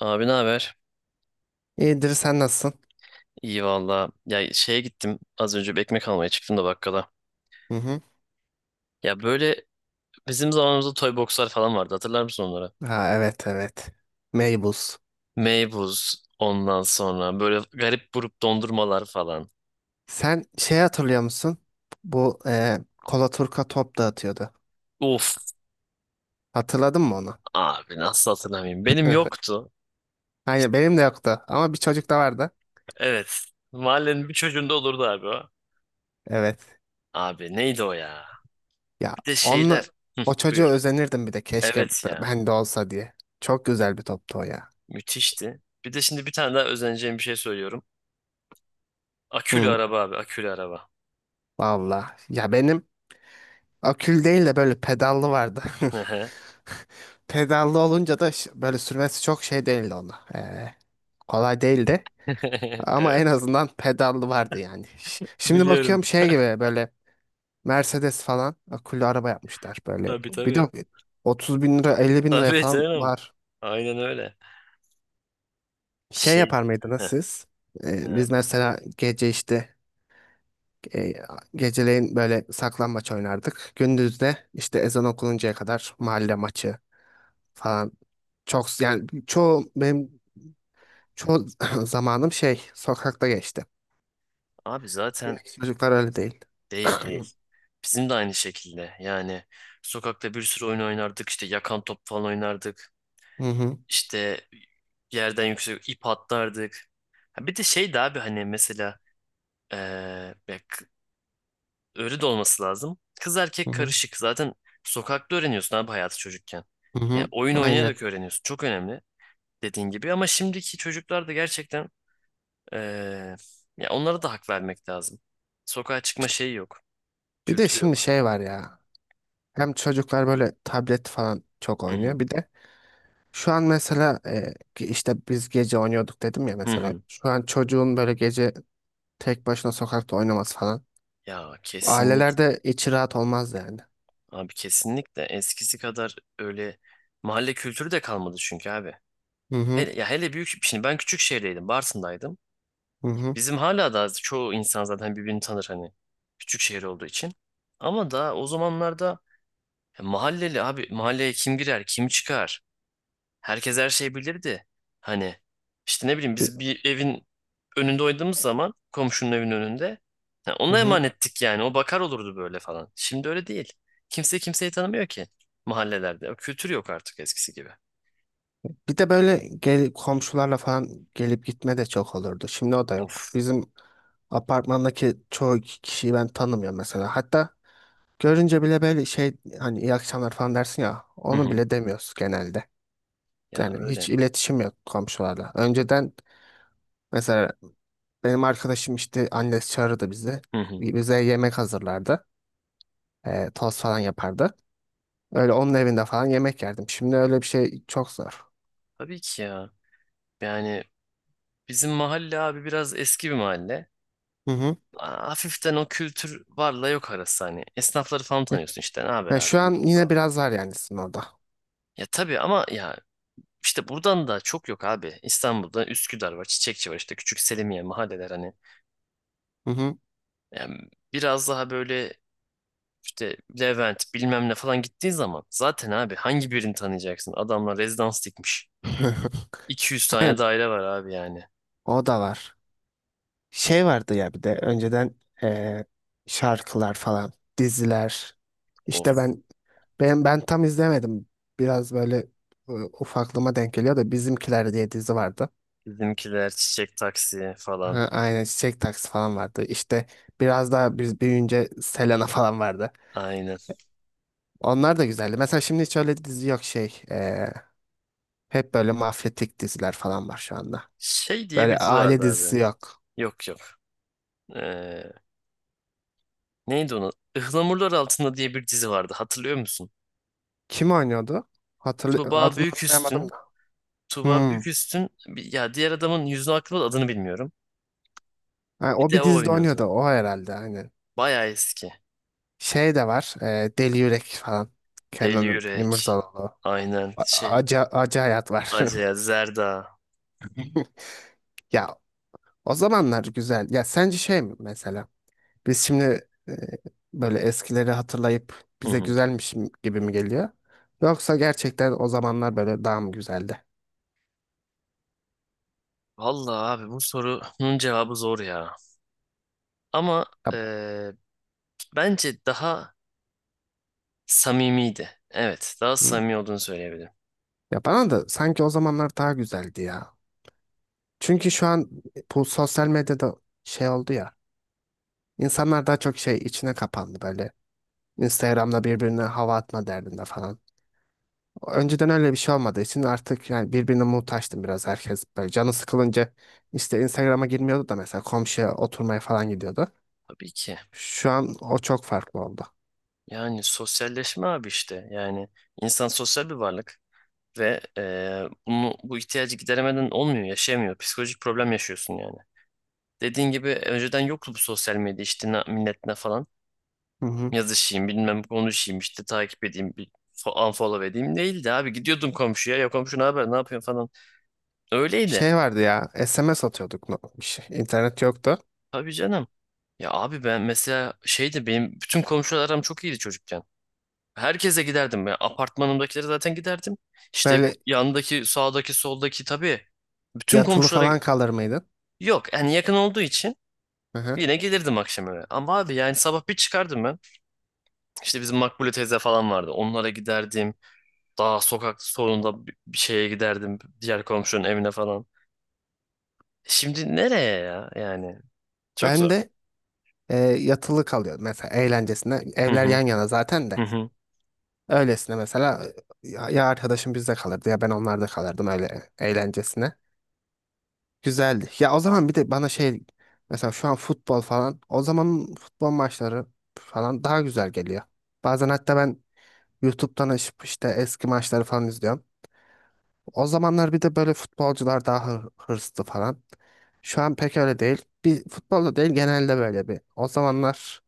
Abi ne haber? İyidir, sen nasılsın? İyi valla. Ya şeye gittim. Az önce bir ekmek almaya çıktım da bakkala. Hı hı. Ya böyle bizim zamanımızda toy boxlar falan vardı. Hatırlar mısın onları? Ha, evet, evet. Meybuz. Meybuz ondan sonra böyle garip grup dondurmalar falan. Sen şey hatırlıyor musun? Bu e, Kola Turka top dağıtıyordu. Uf, Hatırladın mı onu? abi nasıl hatırlamayayım. Benim yoktu. Aynen, benim de yoktu ama bir çocuk da vardı. Evet. Mahallenin bir çocuğunda olurdu abi o. Evet. Abi neydi o ya? Ya Bir de onunla şeyler. Hı, o çocuğa buyur. özenirdim, bir de keşke Evet ya. ben de olsa diye. Çok güzel bir toptu o ya. Müthişti. Bir de şimdi bir tane daha özeneceğim bir şey söylüyorum. Akülü Hı. araba abi. Akülü araba. Valla. Ya benim akül değil de böyle pedallı vardı. Pedallı olunca da böyle sürmesi çok şey değildi ona. Kolay değildi. Ama en Evet. azından pedallı vardı yani. Şimdi Biliyorum. bakıyorum şey gibi böyle Mercedes falan akıllı araba yapmışlar böyle. Tabii Bir de tabii. 30 bin lira, 50 bin liraya Tabii falan canım. var. Aynen öyle. Şey Şey, yapar mıydınız heh, siz? ne Biz abi? mesela gece işte e, geceleyin böyle saklambaç oynardık. Gündüz de işte ezan okununcaya kadar mahalle maçı falan. Çok yani çoğu zamanım şey sokakta geçti. Abi zaten Şimdiki çocuklar öyle değil. değil değil. Bizim de aynı şekilde. Yani sokakta bir sürü oyun oynardık. İşte yakan top falan oynardık. Hı hı. İşte yerden yüksek ip atlardık. Ha, bir de şeydi abi hani mesela eee, ya k- öyle de olması lazım. Kız Hı erkek hı. karışık. Zaten sokakta öğreniyorsun abi hayatı çocukken. Hı Yani hı. oyun Aynen. oynayarak öğreniyorsun. Çok önemli dediğin gibi. Ama şimdiki çocuklar da gerçekten Ee, ya onlara da hak vermek lazım. Sokağa çıkma şeyi yok. Bir de Kültürü şimdi yok. şey var ya. Hem çocuklar böyle tablet falan çok Hı hı. oynuyor. Bir de şu an mesela ki işte biz gece oynuyorduk dedim ya Hı mesela. hı. Şu an çocuğun böyle gece tek başına sokakta oynaması falan. Ya kesinlikle. Ailelerde içi rahat olmaz yani. Abi kesinlikle. Eskisi kadar öyle mahalle kültürü de kalmadı çünkü abi. Hı hı, Hele, ya hele büyük şimdi ben küçük şehirdeydim. Bartın'daydım. hı hı. Bizim hala da çoğu insan zaten birbirini tanır hani. Küçük şehir olduğu için. Ama da o zamanlarda ya mahalleli abi mahalleye kim girer, kim çıkar? Herkes her şeyi bilirdi. Hani işte ne bileyim Bir, biz bir evin önünde oynadığımız zaman komşunun evinin önünde ha, hı ona hı. emanettik yani. O bakar olurdu böyle falan. Şimdi öyle değil. Kimse kimseyi tanımıyor ki mahallelerde. O kültür yok artık eskisi gibi. Bir de böyle gel, komşularla falan gelip gitme de çok olurdu. Şimdi o da yok. Of. Bizim apartmandaki çoğu kişiyi ben tanımıyorum mesela. Hatta görünce bile böyle şey hani iyi akşamlar falan dersin ya. Hı Onu hı. bile demiyoruz genelde. Ya Yani öyle. hiç iletişim yok komşularla. Önceden mesela benim arkadaşım işte annesi çağırırdı bizi. Hı hı. Bize yemek hazırlardı. Tost falan yapardı. Öyle onun evinde falan yemek yerdim. Şimdi öyle bir şey çok zor. Tabii ki ya. Yani bizim mahalle abi biraz eski bir mahalle. Hı hı. Hafiften o kültür varla yok arası hani. Esnafları falan Eh, tanıyorsun işte. Ne haber yani şu an abi? yine Falan. biraz var yani sizin orada. Ya tabii ama ya İşte buradan da çok yok abi. İstanbul'da Üsküdar var, Çiçekçi var işte küçük Selimiye mahalleler hani. Hı hı. Yani biraz daha böyle işte Levent bilmem ne falan gittiği zaman zaten abi hangi birini tanıyacaksın? Adamlar rezidans dikmiş. 200 Aynen, tane daire var abi yani. o da var. Şey vardı ya, bir de önceden ee, şarkılar falan, diziler. Of. İşte ben tam izlemedim. Biraz böyle ufaklığıma denk geliyor da Bizimkiler diye dizi vardı. Bizimkiler çiçek taksi falan. Ha, aynen, çiçek taksi falan vardı. İşte biraz daha biz büyüyünce Selena falan vardı. Aynen. Onlar da güzeldi. Mesela şimdi hiç öyle dizi yok şey. Hep böyle mafyatik diziler falan var şu anda. Şey diye bir Böyle dizi aile vardı abi. dizisi yok. Yok yok. Ee, neydi onu? Ihlamurlar Altında diye bir dizi vardı hatırlıyor musun? Kim oynuyordu? Hatırlı Tuğba adını hatırlayamadım Büyüküstün da. Tuğba Hmm. Büyüküstün bir- ya diğer adamın yüzünü aklımda da adını bilmiyorum. Ha, Bir o de bir o dizide oynuyordu. oynuyordu. O herhalde, aynen. Bayağı eski. Şey de var. Deli Yürek falan. Deli Kenan Yürek. İmirzalıoğlu. Aynen şey. Acı, acı hayat var. Acıya Zerda. Ya o zamanlar güzel. Ya sence şey mi mesela? Biz şimdi böyle eskileri hatırlayıp Hı bize hı. güzelmiş gibi mi geliyor? Yoksa gerçekten o zamanlar böyle daha mı güzeldi? Vallahi abi bu sorunun cevabı zor ya. Ama Ya, eee, bence daha samimiydi. Evet, daha samimi olduğunu söyleyebilirim. ya, bana da sanki o zamanlar daha güzeldi ya. Çünkü şu an bu sosyal medyada şey oldu ya. İnsanlar daha çok şey içine kapandı böyle. Instagram'da birbirine hava atma derdinde falan. Önceden öyle bir şey olmadığı için artık yani birbirine muhtaçtım biraz herkes. Böyle canı sıkılınca işte Instagram'a girmiyordu da mesela komşuya oturmaya falan gidiyordu. Tabii ki. Şu an o çok farklı oldu. Yani sosyalleşme abi işte. Yani insan sosyal bir varlık ve bu ihtiyacı gideremeden olmuyor, yaşayamıyor. Psikolojik problem yaşıyorsun yani. Dediğin gibi önceden yoktu bu sosyal medya işte millet ne falan. Hı hı. Yazışayım bilmem konuşayım işte takip edeyim bir unfollow edeyim değildi abi. Gidiyordum komşuya ya komşu ne haber ne yapıyorsun falan. Öyleydi. Şey vardı ya, SMS atıyorduk, bir şey. İnternet yoktu. Tabii canım. Ya abi ben mesela şeydi benim bütün komşular aram çok iyiydi çocukken. Herkese giderdim ya. Apartmanımdakilere zaten giderdim. İşte Böyle yandaki sağdaki soldaki tabii. Bütün yatılı komşulara falan kalır mıydın? yok yani yakın olduğu için Hı hı. yine gelirdim akşam eve. Ama abi yani sabah bir çıkardım ben. İşte bizim Makbule teyze falan vardı. Onlara giderdim. Daha sokak sonunda bir şeye giderdim. Diğer komşunun evine falan. Şimdi nereye ya yani? Çok Ben zor. de yatılı kalıyordum mesela eğlencesine. Hı Evler hı, yan yana zaten de. hı hı, Öylesine mesela ya arkadaşım bizde kalırdı ya ben onlarda kalırdım, öyle eğlencesine. Güzeldi. Ya, o zaman bir de bana şey, mesela şu an futbol falan, o zaman futbol maçları falan daha güzel geliyor. Bazen hatta ben YouTube'dan açıp işte eski maçları falan izliyorum. O zamanlar bir de böyle futbolcular daha hırslı falan. Şu an pek öyle değil. Bir futbolda değil genelde böyle bir. O zamanlar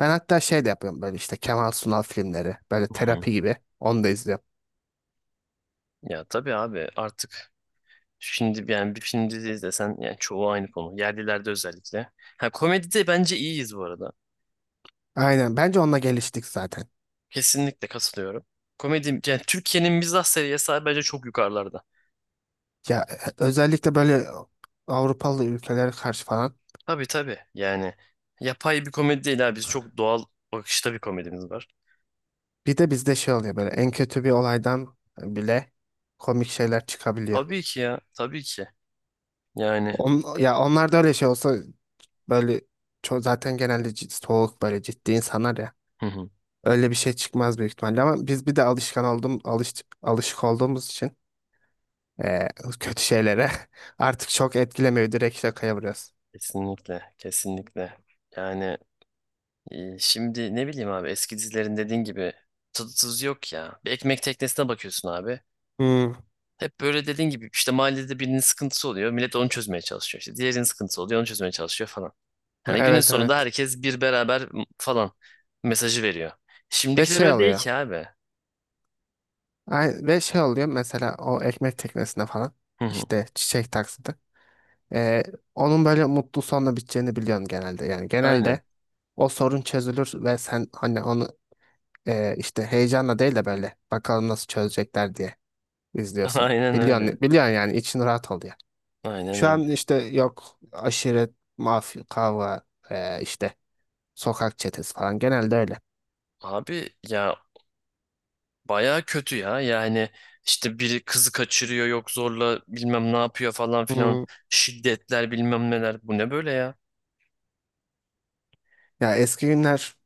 ben hatta şey de yapıyorum böyle, işte Kemal Sunal filmleri böyle hı hı. terapi gibi onu da izliyorum. Ya tabii abi artık şimdi yani bir film dizi izlesen yani çoğu aynı konu. Yerlilerde özellikle. Ha komedide bence iyiyiz bu arada. Aynen, bence onunla geliştik zaten. Kesinlikle katılıyorum. Komedi yani Türkiye'nin mizah seviyesi abi bence çok yukarılarda. Ya özellikle böyle Avrupalı ülkelere karşı falan. Tabii tabii yani yapay bir komedi değil abi. Biz çok doğal bakışta bir komedimiz var. Bir de bizde şey oluyor, böyle en kötü bir olaydan bile komik şeyler çıkabiliyor. Tabii ki ya, tabii ki. Yani Ya onlar da öyle şey olsa, böyle zaten genelde soğuk böyle ciddi insanlar ya. hı hı, Öyle bir şey çıkmaz büyük ihtimalle ama biz bir de alışık olduğumuz için eee, kötü şeylere artık çok etkilemiyor, direkt şakaya vuruyoruz. kesinlikle, kesinlikle. Yani şimdi ne bileyim abi eski dizilerin dediğin gibi tadı tuzu yok ya. Bir ekmek teknesine bakıyorsun abi. Hmm, Hep böyle dediğin gibi işte mahallede birinin sıkıntısı oluyor. Millet onu çözmeye çalışıyor. İşte diğerinin sıkıntısı oluyor onu çözmeye çalışıyor falan. Hani günün evet, sonunda evet. herkes bir beraber falan mesajı veriyor. Ve Şimdikiler şey öyle değil oluyor. ki abi. Ve şey oluyor mesela o ekmek teknesinde falan Hı hı, işte çiçek taksidi. Eee, Onun böyle mutlu sonla biteceğini biliyorsun genelde. Yani aynen. genelde o sorun çözülür ve sen hani onu işte heyecanla değil de böyle bakalım nasıl çözecekler diye izliyorsun. Aynen Biliyorsun, öyle. biliyorsun yani için rahat oluyor. Aynen Şu öyle. an işte yok aşiret, mafya, kavga, işte sokak çetesi falan genelde öyle. Abi ya, bayağı kötü ya. Yani işte biri kızı kaçırıyor yok zorla bilmem ne yapıyor falan filan. Hmm. Şiddetler bilmem neler. Bu ne böyle ya? Ya eski günler,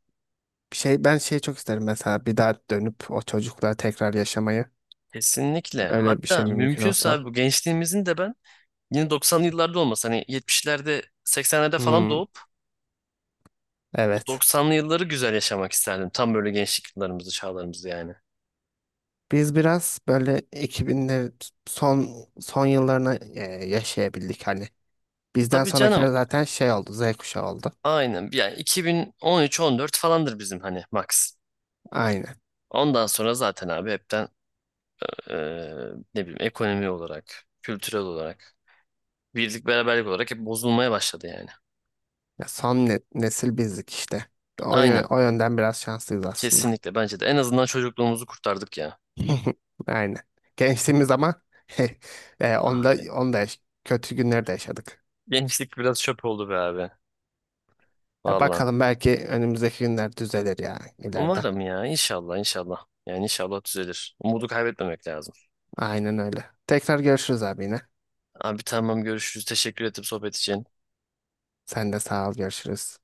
şey ben şey çok isterim mesela, bir daha dönüp o çocukluğa tekrar yaşamayı. Kesinlikle. Öyle bir şey Hatta mi mümkün mümkünse olsa. abi bu gençliğimizin de ben yine 90'lı yıllarda olmasa hani 70'lerde 80'lerde falan Hmm. doğup o Evet. 90'lı yılları güzel yaşamak isterdim. Tam böyle gençlik yıllarımızı, çağlarımızı yani. Biz biraz böyle 2000'lerin son yıllarını yaşayabildik hani. Bizden Tabii canım. sonrakiler zaten şey oldu, Z kuşağı oldu. Aynen. Yani 2013-14 falandır bizim hani max. Aynen. Ondan sonra zaten abi hepten eee, ne bileyim ekonomi olarak, kültürel olarak birlik beraberlik olarak hep bozulmaya başladı yani. Ya son nesil bizdik işte. Aynen. O yönden biraz şanslıyız aslında. Kesinlikle bence de. En azından çocukluğumuzu kurtardık ya. Aynen. Gençliğimiz ama Abi. onda kötü günler de yaşadık. Gençlik biraz çöp oldu be abi. Ya Valla. bakalım, belki önümüzdeki günler düzelir ya ileride. Umarım ya. İnşallah inşallah. Yani inşallah düzelir. Umudu kaybetmemek lazım. Aynen öyle. Tekrar görüşürüz abi yine. Abi tamam görüşürüz. Teşekkür ettim sohbet için. Sen de sağ ol, görüşürüz.